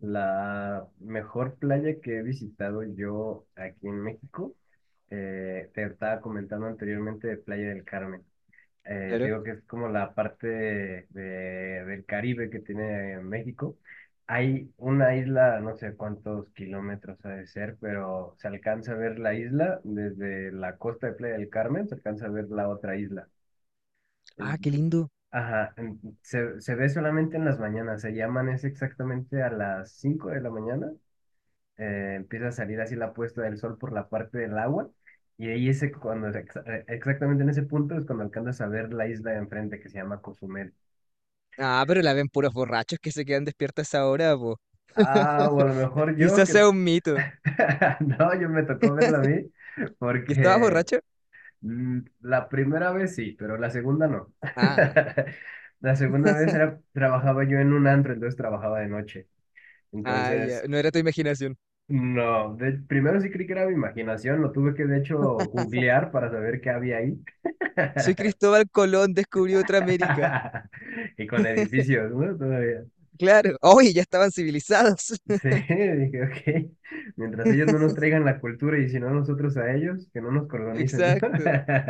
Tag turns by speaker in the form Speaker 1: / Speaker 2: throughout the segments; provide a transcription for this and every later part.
Speaker 1: La mejor playa que he visitado yo aquí en México, te estaba comentando anteriormente de Playa del Carmen. Te
Speaker 2: Claro.
Speaker 1: digo que es como la parte del Caribe que tiene México. Hay una isla, no sé cuántos kilómetros ha de ser, pero se alcanza a ver la isla desde la costa de Playa del Carmen, se alcanza a ver la otra isla.
Speaker 2: Ah, qué lindo.
Speaker 1: Ajá, se ve solamente en las mañanas, se llaman es exactamente a las 5 de la mañana empieza a salir así la puesta del sol por la parte del agua. Y ahí ese, cuando, exactamente en ese punto es cuando alcanzas a ver la isla de enfrente que se llama Cozumel.
Speaker 2: Ah, pero la ven puros borrachos que se quedan despiertos a esa hora, po.
Speaker 1: Ah, o a lo mejor yo
Speaker 2: Quizás
Speaker 1: que...
Speaker 2: sea un mito.
Speaker 1: No, yo me tocó verla a mí
Speaker 2: ¿Y estabas
Speaker 1: porque
Speaker 2: borracho?
Speaker 1: la primera vez sí, pero la segunda no.
Speaker 2: Ah,
Speaker 1: La segunda vez era, trabajaba yo en un antro, entonces trabajaba de noche.
Speaker 2: ah, ya.
Speaker 1: Entonces,
Speaker 2: No era tu imaginación.
Speaker 1: no, primero sí creí que era mi imaginación, lo tuve que de hecho googlear para saber qué había ahí.
Speaker 2: Soy Cristóbal Colón, descubrí otra América.
Speaker 1: Y con edificios, ¿no? Todavía.
Speaker 2: Claro. Oye, ya estaban civilizados.
Speaker 1: Sí, dije, ok, mientras ellos no nos traigan la cultura y si no nosotros a ellos, que no nos colonicen, ¿no?
Speaker 2: Exacto.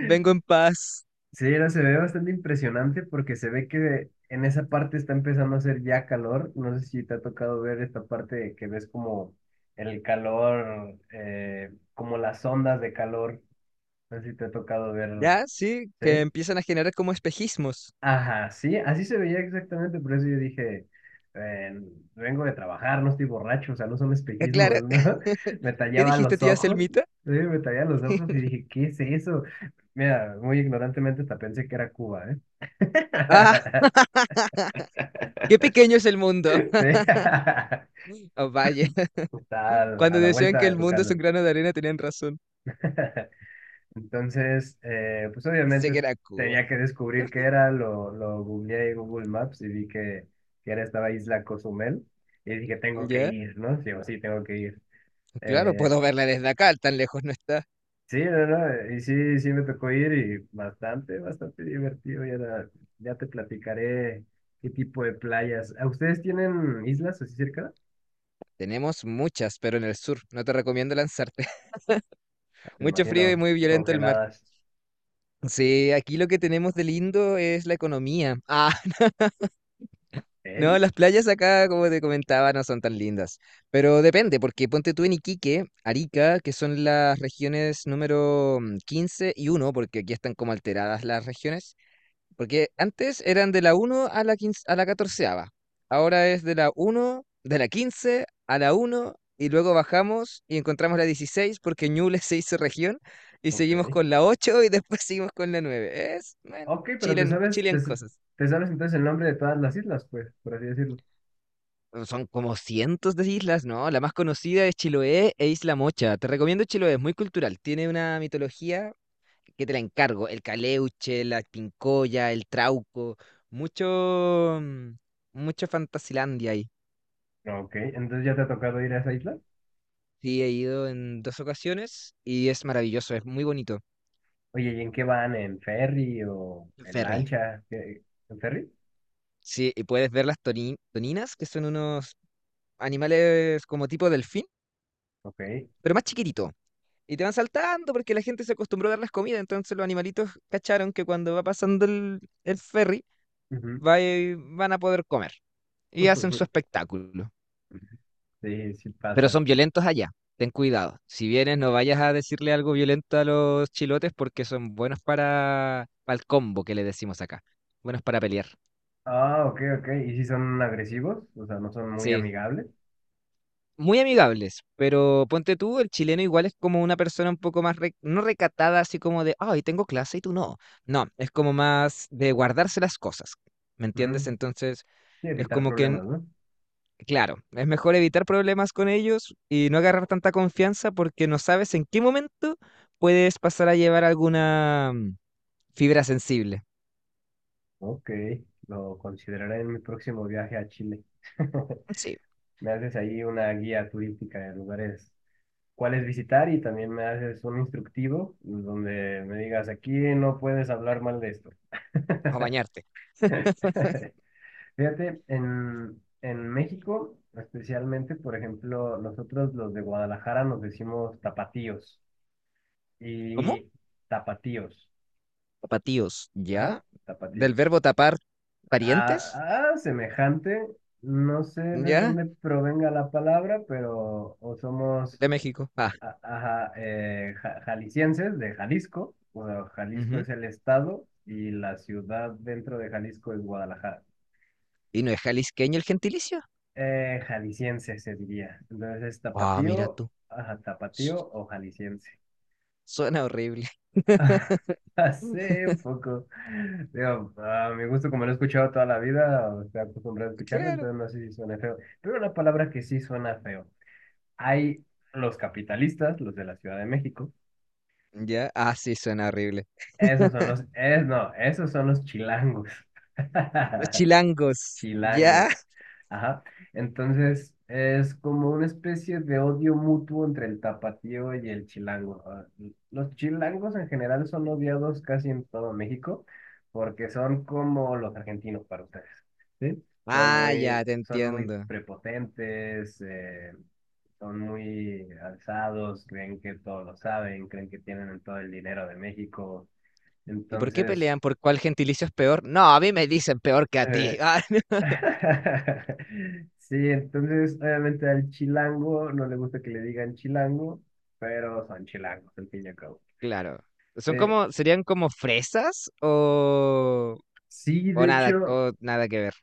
Speaker 2: Vengo en paz.
Speaker 1: Sí, no, se ve bastante impresionante porque se ve que en esa parte está empezando a hacer ya calor. ¿No sé si te ha tocado ver esta parte que ves como el calor, como las ondas de calor? No sé si te ha tocado ver,
Speaker 2: Ya, sí, que
Speaker 1: ¿sí?
Speaker 2: empiezan a generar como espejismos.
Speaker 1: Ajá, sí, así se veía exactamente, por eso yo dije, eh, vengo de trabajar, no estoy borracho, o sea, no son
Speaker 2: Ya, claro.
Speaker 1: espejismos, ¿no? Me
Speaker 2: ¿Qué
Speaker 1: tallaba
Speaker 2: dijiste,
Speaker 1: los
Speaker 2: tía
Speaker 1: ojos, sí,
Speaker 2: Selmita?
Speaker 1: me tallaba los ojos y dije, ¿qué es eso? Mira, muy ignorantemente hasta pensé que era Cuba, ¿eh?
Speaker 2: Ah, qué pequeño es el
Speaker 1: Sí,
Speaker 2: mundo.
Speaker 1: está
Speaker 2: Oh, vaya.
Speaker 1: a la a
Speaker 2: Cuando
Speaker 1: la
Speaker 2: decían
Speaker 1: vuelta
Speaker 2: que
Speaker 1: de
Speaker 2: el
Speaker 1: tu
Speaker 2: mundo es
Speaker 1: casa.
Speaker 2: un grano de arena, tenían razón.
Speaker 1: Entonces, pues
Speaker 2: Sé
Speaker 1: obviamente
Speaker 2: que era Cuba.
Speaker 1: tenía que descubrir qué era, lo googleé en Google Maps y vi que era esta isla Cozumel y dije, tengo que
Speaker 2: Ya,
Speaker 1: ir, ¿no? Sí, o sí, tengo que ir.
Speaker 2: claro,
Speaker 1: Eh,
Speaker 2: puedo verla desde acá, tan lejos no está.
Speaker 1: sí, no, no, y sí, sí me tocó ir y bastante divertido. Ya, ya te platicaré qué tipo de playas. ¿A Ustedes tienen islas así cerca?
Speaker 2: Tenemos muchas, pero en el sur, no te recomiendo lanzarte.
Speaker 1: Me
Speaker 2: Mucho frío y
Speaker 1: imagino,
Speaker 2: muy violento el mar.
Speaker 1: congeladas.
Speaker 2: Sí, aquí lo que tenemos de lindo es la economía. Ah,
Speaker 1: ¿Eh?
Speaker 2: no, las playas acá, como te comentaba, no son tan lindas. Pero depende, porque ponte tú en Iquique, Arica, que son las regiones número 15 y uno, porque aquí están como alteradas las regiones. Porque antes eran de la uno a la 15 a la catorceava. Ahora es de la uno de la 15 a la uno y luego bajamos y encontramos la 16 porque Ñuble se hizo región y
Speaker 1: Ok.
Speaker 2: seguimos con la 8 y después seguimos con la nueve. Es, bueno,
Speaker 1: Ok, pero te
Speaker 2: chilen,
Speaker 1: sabes,
Speaker 2: chilen cosas.
Speaker 1: te sabes entonces el nombre de todas las islas, pues, por así decirlo.
Speaker 2: Son como cientos de islas, ¿no? La más conocida es Chiloé e Isla Mocha. Te recomiendo Chiloé, es muy cultural. Tiene una mitología que te la encargo, el caleuche, la pincoya, el trauco, mucho, mucho Fantasilandia ahí.
Speaker 1: Ok, entonces ya te ha tocado ir a esa isla.
Speaker 2: Sí, he ido en dos ocasiones y es maravilloso, es muy bonito.
Speaker 1: Oye, ¿y en qué van? ¿En ferry o en
Speaker 2: Ferry.
Speaker 1: lancha? ¿Qué- ¿En ferry?
Speaker 2: Sí, y puedes ver las toninas, que son unos animales como tipo delfín,
Speaker 1: Ok.
Speaker 2: pero más chiquitito. Y te van saltando porque la gente se acostumbró a darles comida, entonces los animalitos cacharon que cuando va pasando el ferry,
Speaker 1: Ujú.
Speaker 2: van a poder comer y hacen su espectáculo.
Speaker 1: Sí, sí
Speaker 2: Pero
Speaker 1: pasa.
Speaker 2: son violentos allá. Ten cuidado. Si vienes, no vayas a decirle algo violento a los chilotes porque son buenos para el combo que le decimos acá. Buenos para pelear.
Speaker 1: Ah, ok, ok. ¿Y si son agresivos? O sea, no son muy
Speaker 2: Sí.
Speaker 1: amigables.
Speaker 2: Muy amigables, pero ponte tú, el chileno igual es como una persona un poco más, no recatada, así como de, ay, tengo clase y tú no. No, es como más de guardarse las cosas, ¿me entiendes?
Speaker 1: Ujú.
Speaker 2: Entonces,
Speaker 1: Sí,
Speaker 2: es
Speaker 1: evitar
Speaker 2: como que,
Speaker 1: problemas, ¿no?
Speaker 2: claro, es mejor evitar problemas con ellos y no agarrar tanta confianza porque no sabes en qué momento puedes pasar a llevar alguna fibra sensible.
Speaker 1: Ok, lo consideraré en mi próximo viaje a Chile.
Speaker 2: Sí,
Speaker 1: Me haces ahí una guía turística de lugares cuáles visitar y también me haces un instructivo donde me digas, aquí no puedes hablar mal de esto.
Speaker 2: o bañarte.
Speaker 1: Fíjate, en México, especialmente, por ejemplo, nosotros los de Guadalajara nos decimos tapatíos
Speaker 2: ¿Cómo?
Speaker 1: y tapatíos,
Speaker 2: Tapatíos,
Speaker 1: ajá,
Speaker 2: ¿ya? Del
Speaker 1: Tapatíos.
Speaker 2: verbo tapar parientes,
Speaker 1: A semejante, no sé de
Speaker 2: ¿ya?
Speaker 1: dónde provenga la palabra, pero o somos
Speaker 2: De México. Ah,
Speaker 1: ajá, jaliscienses de Jalisco, bueno, Jalisco
Speaker 2: ujú.
Speaker 1: es el estado y la ciudad dentro de Jalisco es Guadalajara.
Speaker 2: ¿Y no es jalisqueño el gentilicio?
Speaker 1: Jalisciense se diría. Entonces es
Speaker 2: Ah, mira
Speaker 1: tapatío,
Speaker 2: tú.
Speaker 1: ajá,
Speaker 2: Su-
Speaker 1: tapatío o jalisciense.
Speaker 2: Suena horrible.
Speaker 1: Hace poco, digo, a mi gusto, como lo he escuchado toda la vida, o estoy acostumbrado a escucharlo,
Speaker 2: Claro.
Speaker 1: entonces no sé si suena feo. Pero una palabra que sí suena feo. Hay los capitalistas, los de la Ciudad de México.
Speaker 2: ¿Ya? Ah, sí, suena horrible.
Speaker 1: Esos son los, es, no, esos son los chilangos.
Speaker 2: Los chilangos,
Speaker 1: Chilangos.
Speaker 2: ¿ya?
Speaker 1: Ajá. Entonces, es como una especie de odio mutuo entre el tapatío y el chilango. Ah, los chilangos en general son odiados casi en todo México porque son como los argentinos para ustedes, ¿sí?
Speaker 2: Ah, ya, te
Speaker 1: Son muy
Speaker 2: entiendo.
Speaker 1: prepotentes, son muy alzados, creen que todo lo saben, creen que tienen todo el dinero de México.
Speaker 2: ¿Y por qué
Speaker 1: Entonces,
Speaker 2: pelean? ¿Por cuál gentilicio es peor? No, a mí me dicen peor que a
Speaker 1: eh,
Speaker 2: ti. Ah,
Speaker 1: sí, entonces obviamente al chilango no le gusta que le digan chilango, pero son chilangos, al fin y al cabo.
Speaker 2: claro. Son
Speaker 1: Eh,
Speaker 2: como, serían como fresas
Speaker 1: sí, de hecho,
Speaker 2: o nada que ver.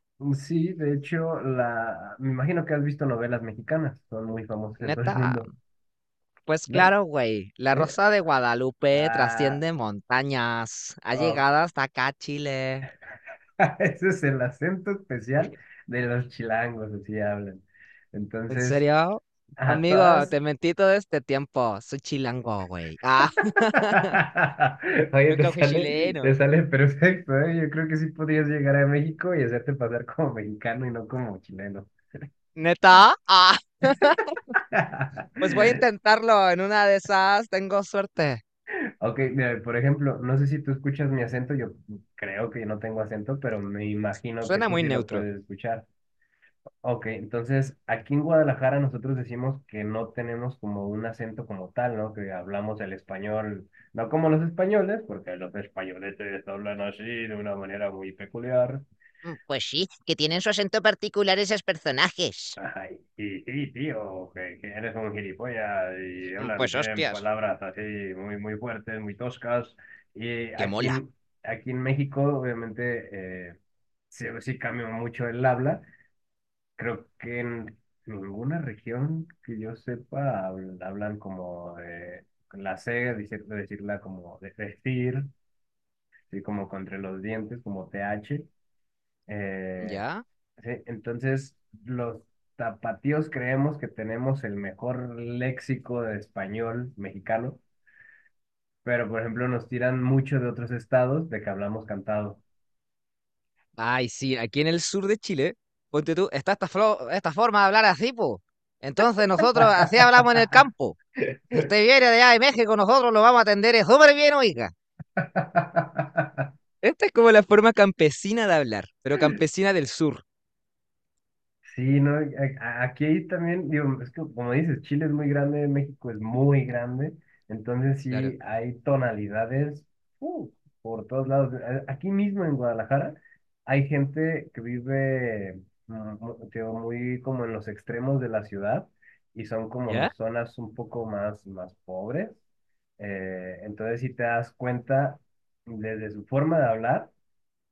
Speaker 1: sí, de hecho, la, me imagino que has visto novelas mexicanas, son muy famosas en todo el
Speaker 2: Neta,
Speaker 1: mundo,
Speaker 2: pues
Speaker 1: ¿no?
Speaker 2: claro, güey. La
Speaker 1: ¿Eh?
Speaker 2: Rosa de Guadalupe
Speaker 1: Ah,
Speaker 2: trasciende montañas. Ha
Speaker 1: oh,
Speaker 2: llegado hasta acá, Chile.
Speaker 1: ese es el acento especial de los chilangos, así hablan.
Speaker 2: ¿En
Speaker 1: Entonces,
Speaker 2: serio?
Speaker 1: a
Speaker 2: Amigo,
Speaker 1: todas
Speaker 2: te mentí todo este tiempo. Soy chilango, güey. Ah,
Speaker 1: Oye,
Speaker 2: nunca fui
Speaker 1: te
Speaker 2: chileno.
Speaker 1: sale perfecto, ¿eh? Yo creo que sí podrías llegar a México y hacerte pasar como mexicano y no como chileno.
Speaker 2: ¿Neta? Ah, pues voy a intentarlo. En una de esas tengo suerte.
Speaker 1: Ok, mira, por ejemplo, no sé si tú escuchas mi acento, yo creo que no tengo acento, pero me imagino que
Speaker 2: Suena
Speaker 1: tú
Speaker 2: muy
Speaker 1: sí lo
Speaker 2: neutro.
Speaker 1: puedes escuchar. Ok, entonces aquí en Guadalajara nosotros decimos que no tenemos como un acento como tal, ¿no? Que hablamos el español, no como los españoles, porque los españoles hablan así de una manera muy peculiar.
Speaker 2: Mm, pues sí, que tienen su acento particular esos personajes.
Speaker 1: Ay, y sí, tío, que eres un gilipollas y
Speaker 2: Mm,
Speaker 1: hablan,
Speaker 2: pues
Speaker 1: tienen
Speaker 2: hostias,
Speaker 1: palabras así muy, muy fuertes, muy toscas. Y
Speaker 2: que mola.
Speaker 1: aquí en México, obviamente, sí, sí cambió mucho el habla. Creo que en ninguna región que yo sepa hablan como de con la C, decirla como de decir, así como contra los dientes, como TH. Eh,
Speaker 2: ¿Ya?
Speaker 1: sí, entonces, los tapatíos creemos que tenemos el mejor léxico de español mexicano, pero por ejemplo nos tiran mucho de otros estados de que hablamos cantado.
Speaker 2: Ay, sí, aquí en el sur de Chile, ponte tú, está esta, esta forma de hablar así, po. Entonces nosotros así hablamos en el campo. Si usted viene de allá de México, nosotros lo vamos a atender súper bien, oiga. Esta es como la forma campesina de hablar, pero campesina del sur.
Speaker 1: Sí, no, aquí también, digo, es que como dices, Chile es muy grande, México es muy grande, entonces
Speaker 2: Claro.
Speaker 1: sí hay tonalidades uh, por todos lados. Aquí mismo en Guadalajara hay gente que vive digo, muy como en los extremos de la ciudad y son como
Speaker 2: ¿Ya?
Speaker 1: zonas un poco más, más pobres. Entonces si te das cuenta desde su forma de hablar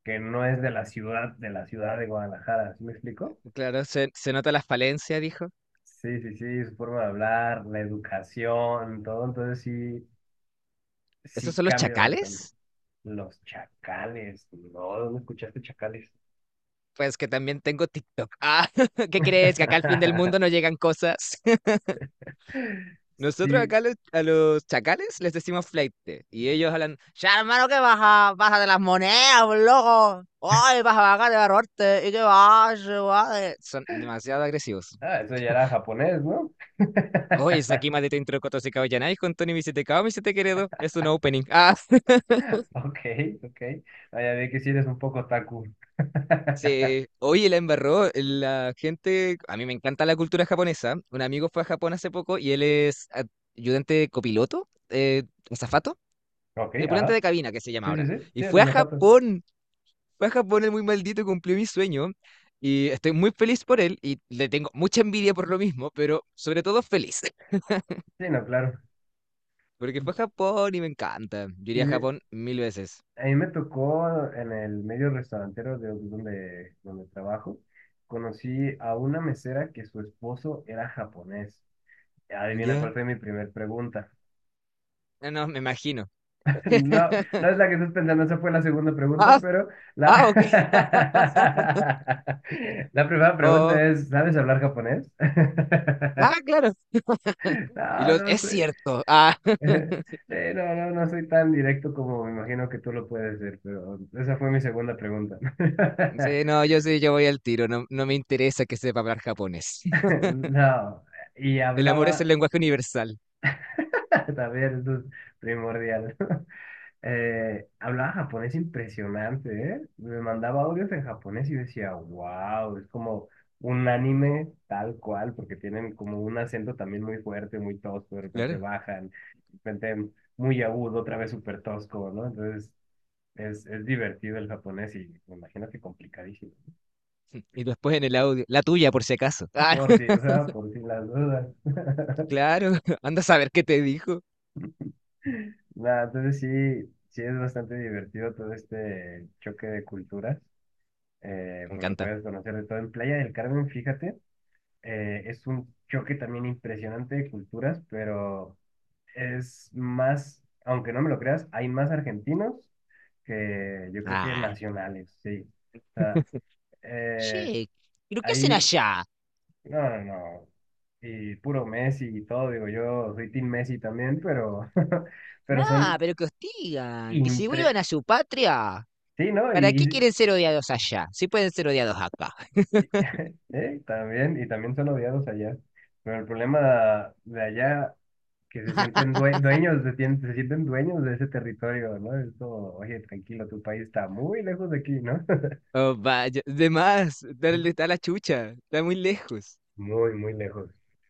Speaker 1: que no es de la ciudad, de la ciudad de Guadalajara, ¿sí me explico?
Speaker 2: Claro, se nota la falencia, dijo.
Speaker 1: Sí, sí, sí, su forma de hablar, la educación, todo, entonces sí,
Speaker 2: ¿Estos
Speaker 1: sí
Speaker 2: son los
Speaker 1: cambia bastante.
Speaker 2: chacales?
Speaker 1: Los chacales, no, ¿dónde escuchaste chacales?
Speaker 2: Pues que también tengo TikTok. Ah, ¿qué crees? Que acá al fin del mundo no llegan cosas. Nosotros
Speaker 1: Sí,
Speaker 2: acá a los chacales les decimos fleite y ellos hablan, ya hermano, ¿qué baja? Baja de las monedas, pues, loco. Ay, vas a bajar de barrote. ¿Y qué vas? Guade?". Son demasiado agresivos.
Speaker 1: ah, eso ya era japonés, ¿no?
Speaker 2: Oye, es aquí más de Tintro Coto se Caballanáis con Tony Visetecao, Vicete Queredo. Es un opening. Ah,
Speaker 1: Ok, ok, ah, ya vi que sí eres un poco taku.
Speaker 2: sí. Oye, la embarró. La gente. A mí me encanta la cultura japonesa. Un amigo fue a Japón hace poco y él es ayudante copiloto, azafato,
Speaker 1: Ok,
Speaker 2: tripulante de
Speaker 1: ajá,
Speaker 2: cabina, que se llama
Speaker 1: sí, sí,
Speaker 2: ahora.
Speaker 1: sí,
Speaker 2: Y
Speaker 1: sí,
Speaker 2: fue
Speaker 1: los
Speaker 2: a
Speaker 1: zapatos,
Speaker 2: Japón. Fue a Japón el muy maldito, cumplió mi sueño y estoy muy feliz por él y le tengo mucha envidia por lo mismo, pero sobre todo feliz,
Speaker 1: sí, no, claro.
Speaker 2: porque fue a Japón y me encanta. Yo iría a
Speaker 1: Sí.
Speaker 2: Japón mil veces.
Speaker 1: A mí me tocó en el medio restaurantero de donde, donde trabajo, conocí a una mesera que su esposo era japonés. Adivina cuál
Speaker 2: Ya.
Speaker 1: fue mi primer pregunta.
Speaker 2: No, no, me imagino.
Speaker 1: No, no es la que estás pensando, esa fue la segunda pregunta,
Speaker 2: Ah,
Speaker 1: pero
Speaker 2: ah,
Speaker 1: la,
Speaker 2: ok.
Speaker 1: la primera pregunta
Speaker 2: Oh,
Speaker 1: es, ¿sabes hablar japonés?
Speaker 2: ah, claro. Y
Speaker 1: No,
Speaker 2: lo,
Speaker 1: no
Speaker 2: es
Speaker 1: sé.
Speaker 2: cierto. Ah,
Speaker 1: No, no, no soy tan directo como me imagino que tú lo puedes ser, pero esa fue mi segunda pregunta.
Speaker 2: sí, no, yo sí, yo voy al tiro. No, no me interesa que sepa hablar japonés.
Speaker 1: No, y
Speaker 2: El amor es el
Speaker 1: hablaba,
Speaker 2: lenguaje universal.
Speaker 1: también esto es primordial, hablaba japonés impresionante, ¿eh? Me mandaba audios en japonés y yo decía, wow, es como un anime tal cual, porque tienen como un acento también muy fuerte, muy tosco, de repente
Speaker 2: Claro.
Speaker 1: bajan, de repente muy agudo, otra vez súper tosco, ¿no? Entonces es divertido el japonés y me imagino que complicadísimo.
Speaker 2: Y después en el audio, la tuya, por si acaso.
Speaker 1: ¿No?
Speaker 2: Ah,
Speaker 1: Por si, o sea, por si las dudas.
Speaker 2: claro. Anda a saber qué te dijo.
Speaker 1: Nah, entonces sí, sí es bastante divertido todo este choque de culturas,
Speaker 2: Me
Speaker 1: porque
Speaker 2: encanta.
Speaker 1: puedes conocer de todo. En Playa del Carmen, fíjate, es un choque también impresionante de culturas, pero es más, aunque no me lo creas, hay más argentinos que yo creo que
Speaker 2: Ah.
Speaker 1: nacionales, sí. O sea, eh,
Speaker 2: Che, ¿pero qué hacen
Speaker 1: hay,
Speaker 2: allá?
Speaker 1: no, no, no, y puro Messi y todo, digo, yo soy Team Messi también, pero, pero
Speaker 2: Nah,
Speaker 1: son...
Speaker 2: pero que hostigan, que se
Speaker 1: impre
Speaker 2: vuelvan a su patria.
Speaker 1: Sí, ¿no?
Speaker 2: ¿Para qué
Speaker 1: Y,
Speaker 2: quieren ser odiados allá? Si pueden ser odiados acá.
Speaker 1: también, y también son odiados allá. Pero el problema de allá, que se sienten dueños, se, se sienten dueños de ese territorio, ¿no? Es como, oye, tranquilo, tu país está muy lejos de aquí, ¿no?
Speaker 2: Oh, vaya, de más, dale, está la chucha, está muy lejos.
Speaker 1: Muy, muy lejos.